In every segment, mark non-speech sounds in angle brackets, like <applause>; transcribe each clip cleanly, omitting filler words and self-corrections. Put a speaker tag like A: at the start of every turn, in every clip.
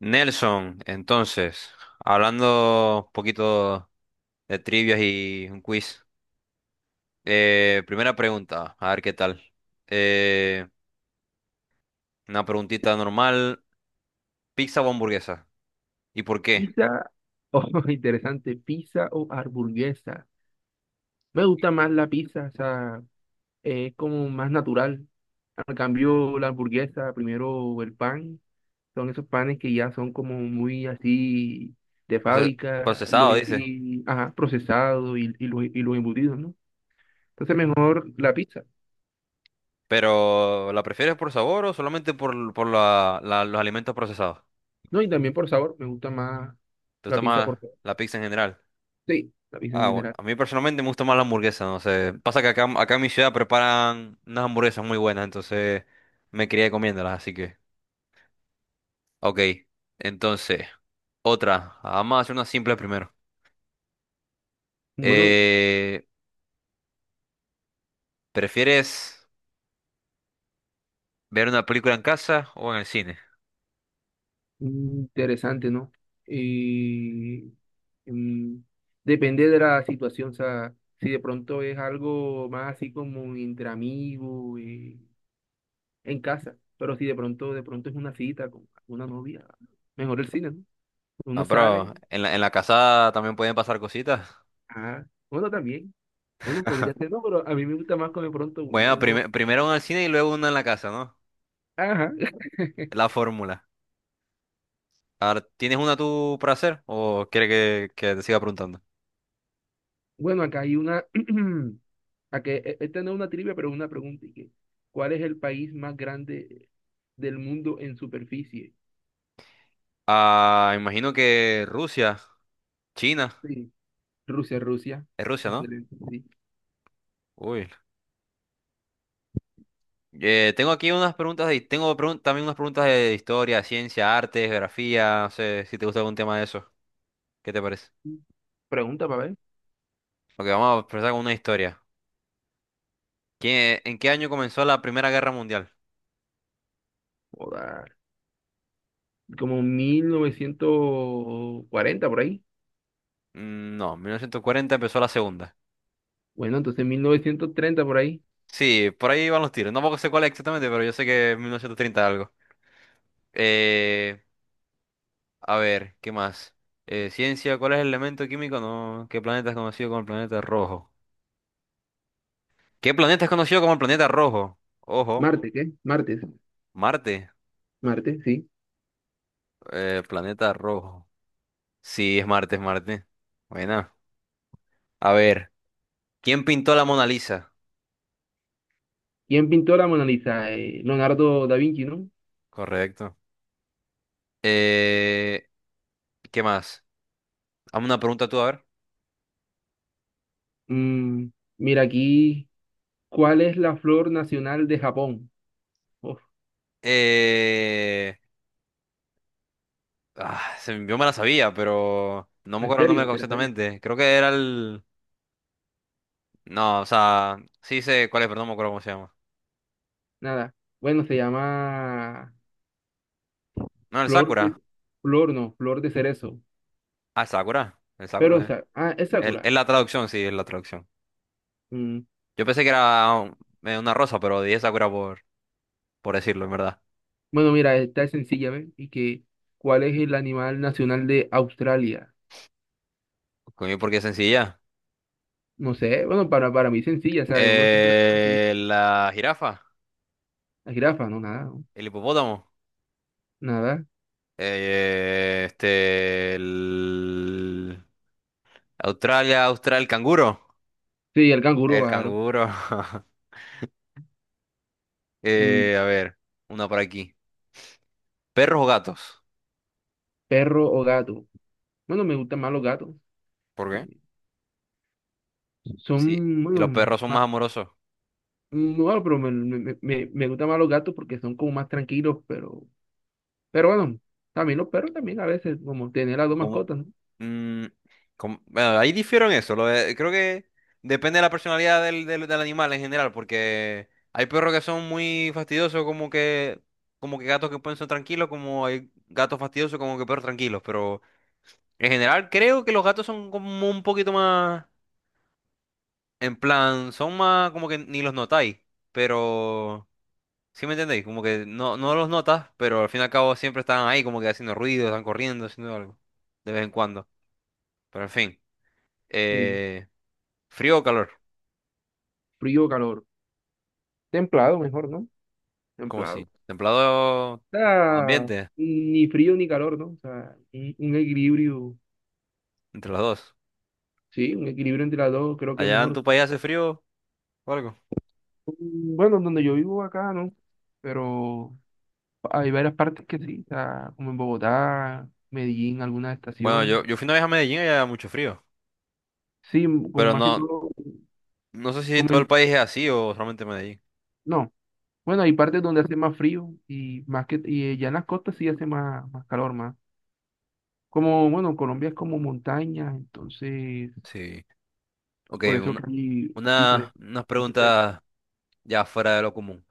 A: Nelson, entonces, hablando un poquito de trivias y un quiz. Primera pregunta, a ver qué tal. Eh, una preguntita normal, ¿pizza o hamburguesa? ¿Y por qué?
B: Pizza o <laughs> interesante, pizza o hamburguesa. Me gusta más la pizza, o sea, es como más natural. Al cambio, la hamburguesa, primero el pan, son esos panes que ya son como muy así de fábrica,
A: Procesado, dice.
B: ajá, procesados y los embutidos, ¿no? Entonces, mejor la pizza,
A: Pero, ¿la prefieres por sabor o solamente por los alimentos procesados?
B: ¿no? Y también por sabor, me gusta más
A: ¿Tú
B: la pizza por
A: tomas
B: sabor.
A: la pizza en general?
B: Sí, la pizza en
A: Ah, bueno,
B: general.
A: a mí personalmente me gusta más la hamburguesa, no sé. Pasa que acá en mi ciudad preparan unas hamburguesas muy buenas, entonces me crié comiéndolas, así que... Ok, entonces, otra. Vamos a hacer una simple primero.
B: Bueno,
A: Eh, ¿Prefieres ver una película en casa o en el cine?
B: interesante, ¿no? Eh, Mm, Depende de la situación, o sea, si de pronto es algo más así como entre amigos, en casa, pero si de pronto, es una cita con una novia, mejor el cine, ¿no? Uno
A: Ah,
B: sale,
A: pero en la casa también pueden pasar cositas.
B: ah, bueno, también, bueno, podría ser, no, pero a mí me gusta más con de pronto, bueno,
A: Bueno,
B: uno,
A: primero una en el cine y luego una en la casa, ¿no?
B: ajá, <laughs>
A: La fórmula. Ahora, ¿tienes una tú para hacer o quieres que te siga preguntando?
B: bueno, acá hay una, <clears throat> acá, esta no es una trivia, pero es una pregunta, y que, ¿cuál es el país más grande del mundo en superficie?
A: Ah, imagino que Rusia, China,
B: Sí, Rusia, Rusia,
A: es Rusia, ¿no?
B: excelente, sí.
A: Uy. Tengo aquí unas preguntas, también unas preguntas de historia, ciencia, arte, geografía, no sé si te gusta algún tema de eso. ¿Qué te parece?
B: Pregunta para ver.
A: Ok, vamos a empezar con una historia. ¿En qué año comenzó la Primera Guerra Mundial?
B: Joda, como 1940 por ahí.
A: No, 1940 empezó la Segunda.
B: Bueno, entonces 1930 por ahí.
A: Sí, por ahí van los tiros. No sé cuál es exactamente, pero yo sé que es 1930 algo. Eh, ¿Qué más? Ciencia, ¿cuál es el elemento químico? No, ¿qué planeta es conocido como el planeta rojo? ¿Qué planeta es conocido como el planeta rojo? Ojo,
B: Marte, ¿qué? Martes.
A: Marte.
B: Marte, sí.
A: Planeta rojo. Sí, es Marte, es Marte. Bueno, a ver, ¿quién pintó la Mona Lisa?
B: ¿Quién pintó la Mona Lisa? Leonardo da Vinci, ¿no?
A: Correcto. Eh, ¿Qué más? Hazme una pregunta tú, a ver.
B: Mm, mira aquí, ¿cuál es la flor nacional de Japón? Uf,
A: Eh, ah, se Yo me la sabía, pero no me
B: ¿en
A: acuerdo el
B: serio?
A: nombre
B: ¿Te la sabías?
A: exactamente. Creo que era el... No, o sea, sí sé cuál es, pero no me acuerdo cómo se llama.
B: Nada. Bueno, se llama
A: No, el
B: flor
A: Sakura.
B: de... Flor, no, flor de cerezo.
A: Ah, el Sakura. El
B: Pero,
A: Sakura, sí.
B: ah, es Sakura.
A: Es la traducción, sí, es la traducción.
B: Mm,
A: Yo pensé que era una rosa, pero dije Sakura por decirlo, en verdad.
B: Bueno, mira, esta es sencilla, ¿ves? Y que, ¿cuál es el animal nacional de Australia?
A: Coño, porque es sencilla.
B: No sé, bueno, para mí sencilla, ¿sabes? Uno siempre ve
A: La jirafa,
B: la jirafa, no, nada, no,
A: el hipopótamo,
B: nada.
A: este, el Australia, el canguro,
B: Sí, el canguro,
A: el
B: claro.
A: canguro. <laughs>
B: Mm,
A: Eh, a ver, una por aquí. ¿Perros o gatos?
B: perro o gato. Bueno, me gustan más los gatos.
A: ¿Por qué?
B: Eh,
A: Sí,
B: Son,
A: si los
B: bueno,
A: perros son
B: más,
A: más amorosos.
B: bueno pero me gustan más los gatos porque son como más tranquilos, pero bueno, también los perros también a veces, como tener las dos
A: ¿Cómo?
B: mascotas, ¿no?
A: Mm, bueno, ahí difiero en eso. Creo que depende de la personalidad del animal en general, porque hay perros que son muy fastidiosos, como que gatos que pueden ser tranquilos, como hay gatos fastidiosos, como que perros tranquilos. Pero en general creo que los gatos son como un poquito más, en plan, son más como que ni los notáis, pero... ¿Sí me entendéis? Como que no los notas, pero al fin y al cabo siempre están ahí como que haciendo ruido, están corriendo, haciendo algo, de vez en cuando. Pero en fin.
B: Sí,
A: Eh, ¿Frío o calor?
B: frío o calor. Templado mejor, ¿no?
A: ¿Cómo
B: Templado.
A: así? ¿Templado como
B: Sea,
A: ambiente?
B: ni frío ni calor, ¿no? O sea, un equilibrio,
A: Entre los dos.
B: sí, un equilibrio entre las dos, creo que es
A: ¿Allá en
B: mejor.
A: tu país hace frío o algo?
B: Bueno, donde yo vivo acá, ¿no? Pero hay varias partes que sí, o sea, como en Bogotá, Medellín, algunas
A: Bueno,
B: estaciones.
A: yo fui una vez a Medellín y había mucho frío.
B: Sí, como
A: Pero
B: más que
A: no,
B: todo,
A: no sé si
B: como
A: todo el
B: en-
A: país es así o solamente Medellín.
B: no. Bueno, hay partes donde hace más frío y más que y ya en las costas sí hace más calor, más. Como, bueno, Colombia es como montaña, entonces,
A: Sí. Ok,
B: por eso que hay
A: unas
B: diferentes.
A: preguntas ya fuera de lo común.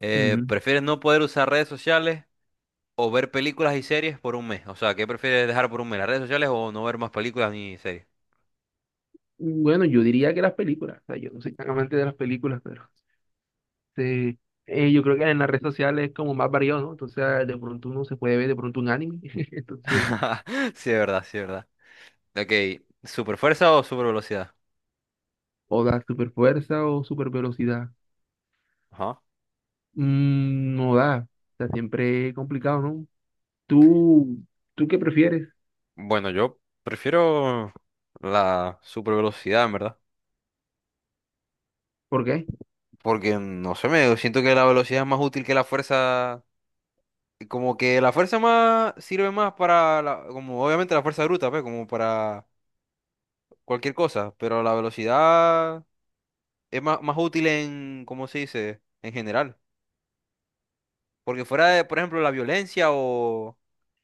A: ¿Prefieres no poder usar redes sociales o ver películas y series por un mes? O sea, ¿qué prefieres dejar por un mes? ¿Las redes sociales o no ver más películas ni series?
B: Bueno, yo diría que las películas, o sea, yo no soy tan amante de las películas, pero este, yo creo que en las redes sociales es como más variado, ¿no? Entonces, ah, de pronto uno se puede ver de pronto un anime, <laughs> entonces,
A: <laughs> Sí, es verdad, sí, es verdad. Ok, ¿super fuerza o super velocidad?
B: o da super fuerza o super velocidad.
A: Ajá.
B: No da, o sea, siempre es complicado, ¿no? ¿Tú, tú qué prefieres?
A: Bueno, yo prefiero la super velocidad, en ¿verdad?
B: ¿Por qué?
A: Porque no sé, me siento que la velocidad es más útil que la fuerza. Como que la fuerza más sirve más para como obviamente la fuerza bruta, pues, como para cualquier cosa, pero la velocidad es más útil en, ¿cómo se dice? En general. Porque fuera de, por ejemplo, la violencia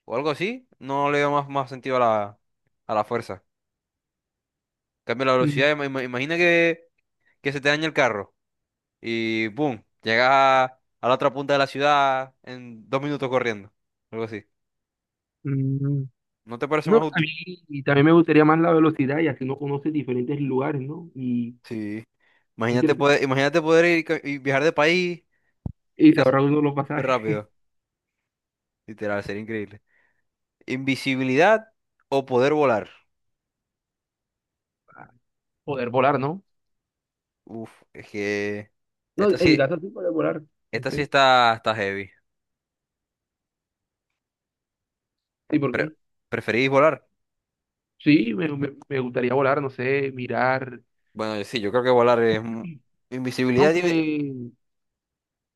A: o algo así, no le veo más sentido a a la fuerza. En cambio, la velocidad,
B: Mm,
A: imagina que se te daña el carro. Y boom, llegas a la otra punta de la ciudad en 2 minutos corriendo. Algo así.
B: mm,
A: ¿No te parece
B: no,
A: más
B: a
A: útil?
B: mí también me gustaría más la velocidad y así uno conoce diferentes lugares, ¿no? Y
A: Sí.
B: interesante, ¿no?
A: Imagínate poder ir ca- y viajar de país
B: Y se ahorra uno
A: así
B: los
A: súper
B: pasajes
A: rápido. Literal, sería increíble. Invisibilidad o poder volar.
B: <laughs> para poder volar, ¿no?
A: Uf, es que
B: No,
A: esta
B: en mi
A: sí,
B: caso sí podría volar, no
A: esta sí
B: sé.
A: está heavy.
B: ¿Y por
A: Pre-
B: qué?
A: ¿Preferís volar?
B: Sí, me gustaría volar, no sé, mirar.
A: Bueno, sí, yo creo que volar es... Invisibilidad
B: Aunque
A: tiene...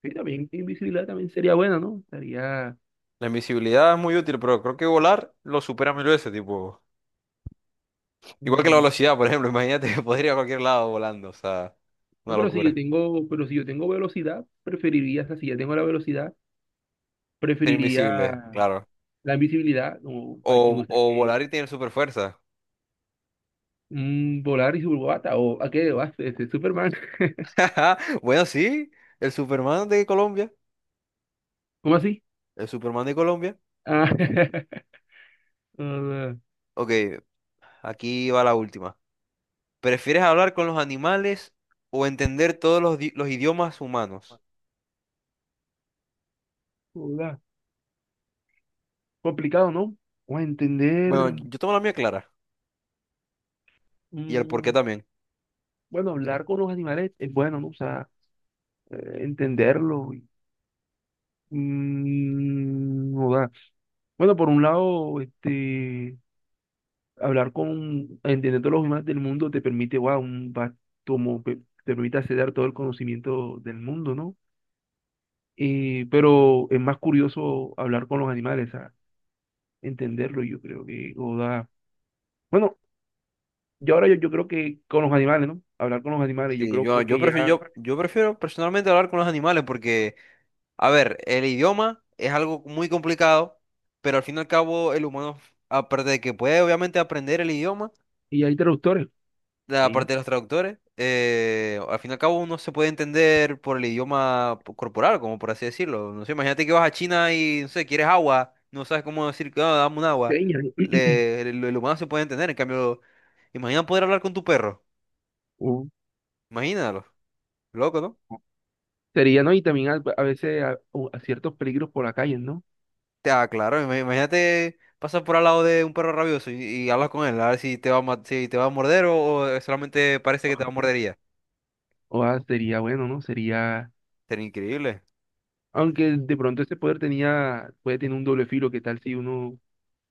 B: sí, también invisibilidad también sería buena, ¿no? Estaría.
A: La invisibilidad es muy útil, pero creo que volar lo supera mil veces, tipo... Igual que la
B: mm,
A: velocidad, por ejemplo, <laughs> imagínate que podría ir a cualquier lado volando, o sea,
B: no,
A: una locura.
B: pero si yo tengo velocidad, preferiría, o sea, si ya tengo la velocidad,
A: Ser
B: preferiría
A: invisible, claro.
B: la invisibilidad, como para quien usted
A: O
B: que
A: volar y tener super fuerza.
B: volar y superbata, o a qué vas, este, Superman. <laughs>
A: <laughs> Bueno, sí, el Superman de Colombia.
B: ¿Cómo así?
A: El Superman de Colombia.
B: Ah, <laughs> hola,
A: Ok, aquí va la última. ¿Prefieres hablar con los animales o entender todos los idiomas humanos?
B: hola. Complicado, ¿no? O a
A: Bueno,
B: entender.
A: yo tengo la mía clara y el por qué
B: mm,
A: también.
B: bueno, hablar con los animales es bueno, ¿no? O sea, entenderlo. O sea, bueno, por un lado, este, entendiendo los animales del mundo te permite, wow, un, va- como, pe- te permite acceder todo el conocimiento del mundo, ¿no? Pero es más curioso hablar con los animales, a sea, entenderlo, yo creo que, o sea, bueno, yo creo que con los animales, ¿no? Hablar con los animales, yo
A: Sí,
B: creo que ya,
A: yo prefiero personalmente hablar con los animales porque, a ver, el idioma es algo muy complicado, pero al fin y al cabo el humano, aparte de que puede obviamente aprender el idioma,
B: y hay traductores,
A: la
B: ahí,
A: parte de los traductores, al fin y al cabo uno se puede entender por el idioma corporal, como por así decirlo. No sé, imagínate que vas a China y, no sé, quieres agua, no sabes cómo decir, "Ah, dame un agua."
B: señas, <clears throat>
A: El humano se puede entender, en cambio, imagina poder hablar con tu perro,
B: ¿no?
A: imagínalo, loco, ¿no?
B: Sería, ¿no? Y también a veces a ciertos peligros por la calle, ¿no?
A: Ah, claro, imagínate pasar por al lado de un perro rabioso y hablas con él, a ver si te va si te va a morder o solamente parece que te va a morder y ya.
B: O ah, sería bueno, ¿no? Sería,
A: Sería increíble.
B: aunque de pronto ese poder tenía, puede tener un doble filo, ¿qué tal si uno, o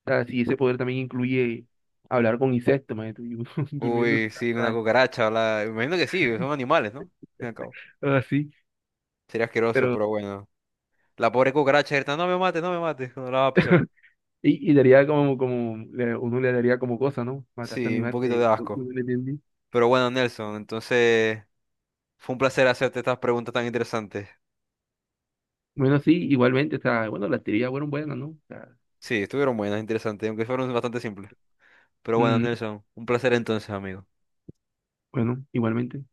B: sea, si ese poder también incluye hablar con insectos, man, y uno <laughs> durmiendo en
A: Uy,
B: su
A: sí, una
B: casa,
A: cucaracha, la... imagino que sí, son animales, ¿no? Al fin y al cabo.
B: o así,
A: Sería asqueroso,
B: pero,
A: pero bueno. La pobre cucaracha grita, no me mates, no me mates, no la va a pisar.
B: y daría como, uno le daría como cosa, ¿no? Matar a
A: Sí, un
B: animales,
A: poquito de asco.
B: uno le entiende.
A: Pero bueno, Nelson, entonces fue un placer hacerte estas preguntas tan interesantes.
B: Bueno, sí, igualmente, o sea, bueno, las teorías fueron buenas, ¿no? O sea,
A: Sí, estuvieron buenas, interesantes, aunque fueron bastante simples. Pero bueno,
B: mm,
A: Nelson, un placer entonces, amigo.
B: bueno, igualmente.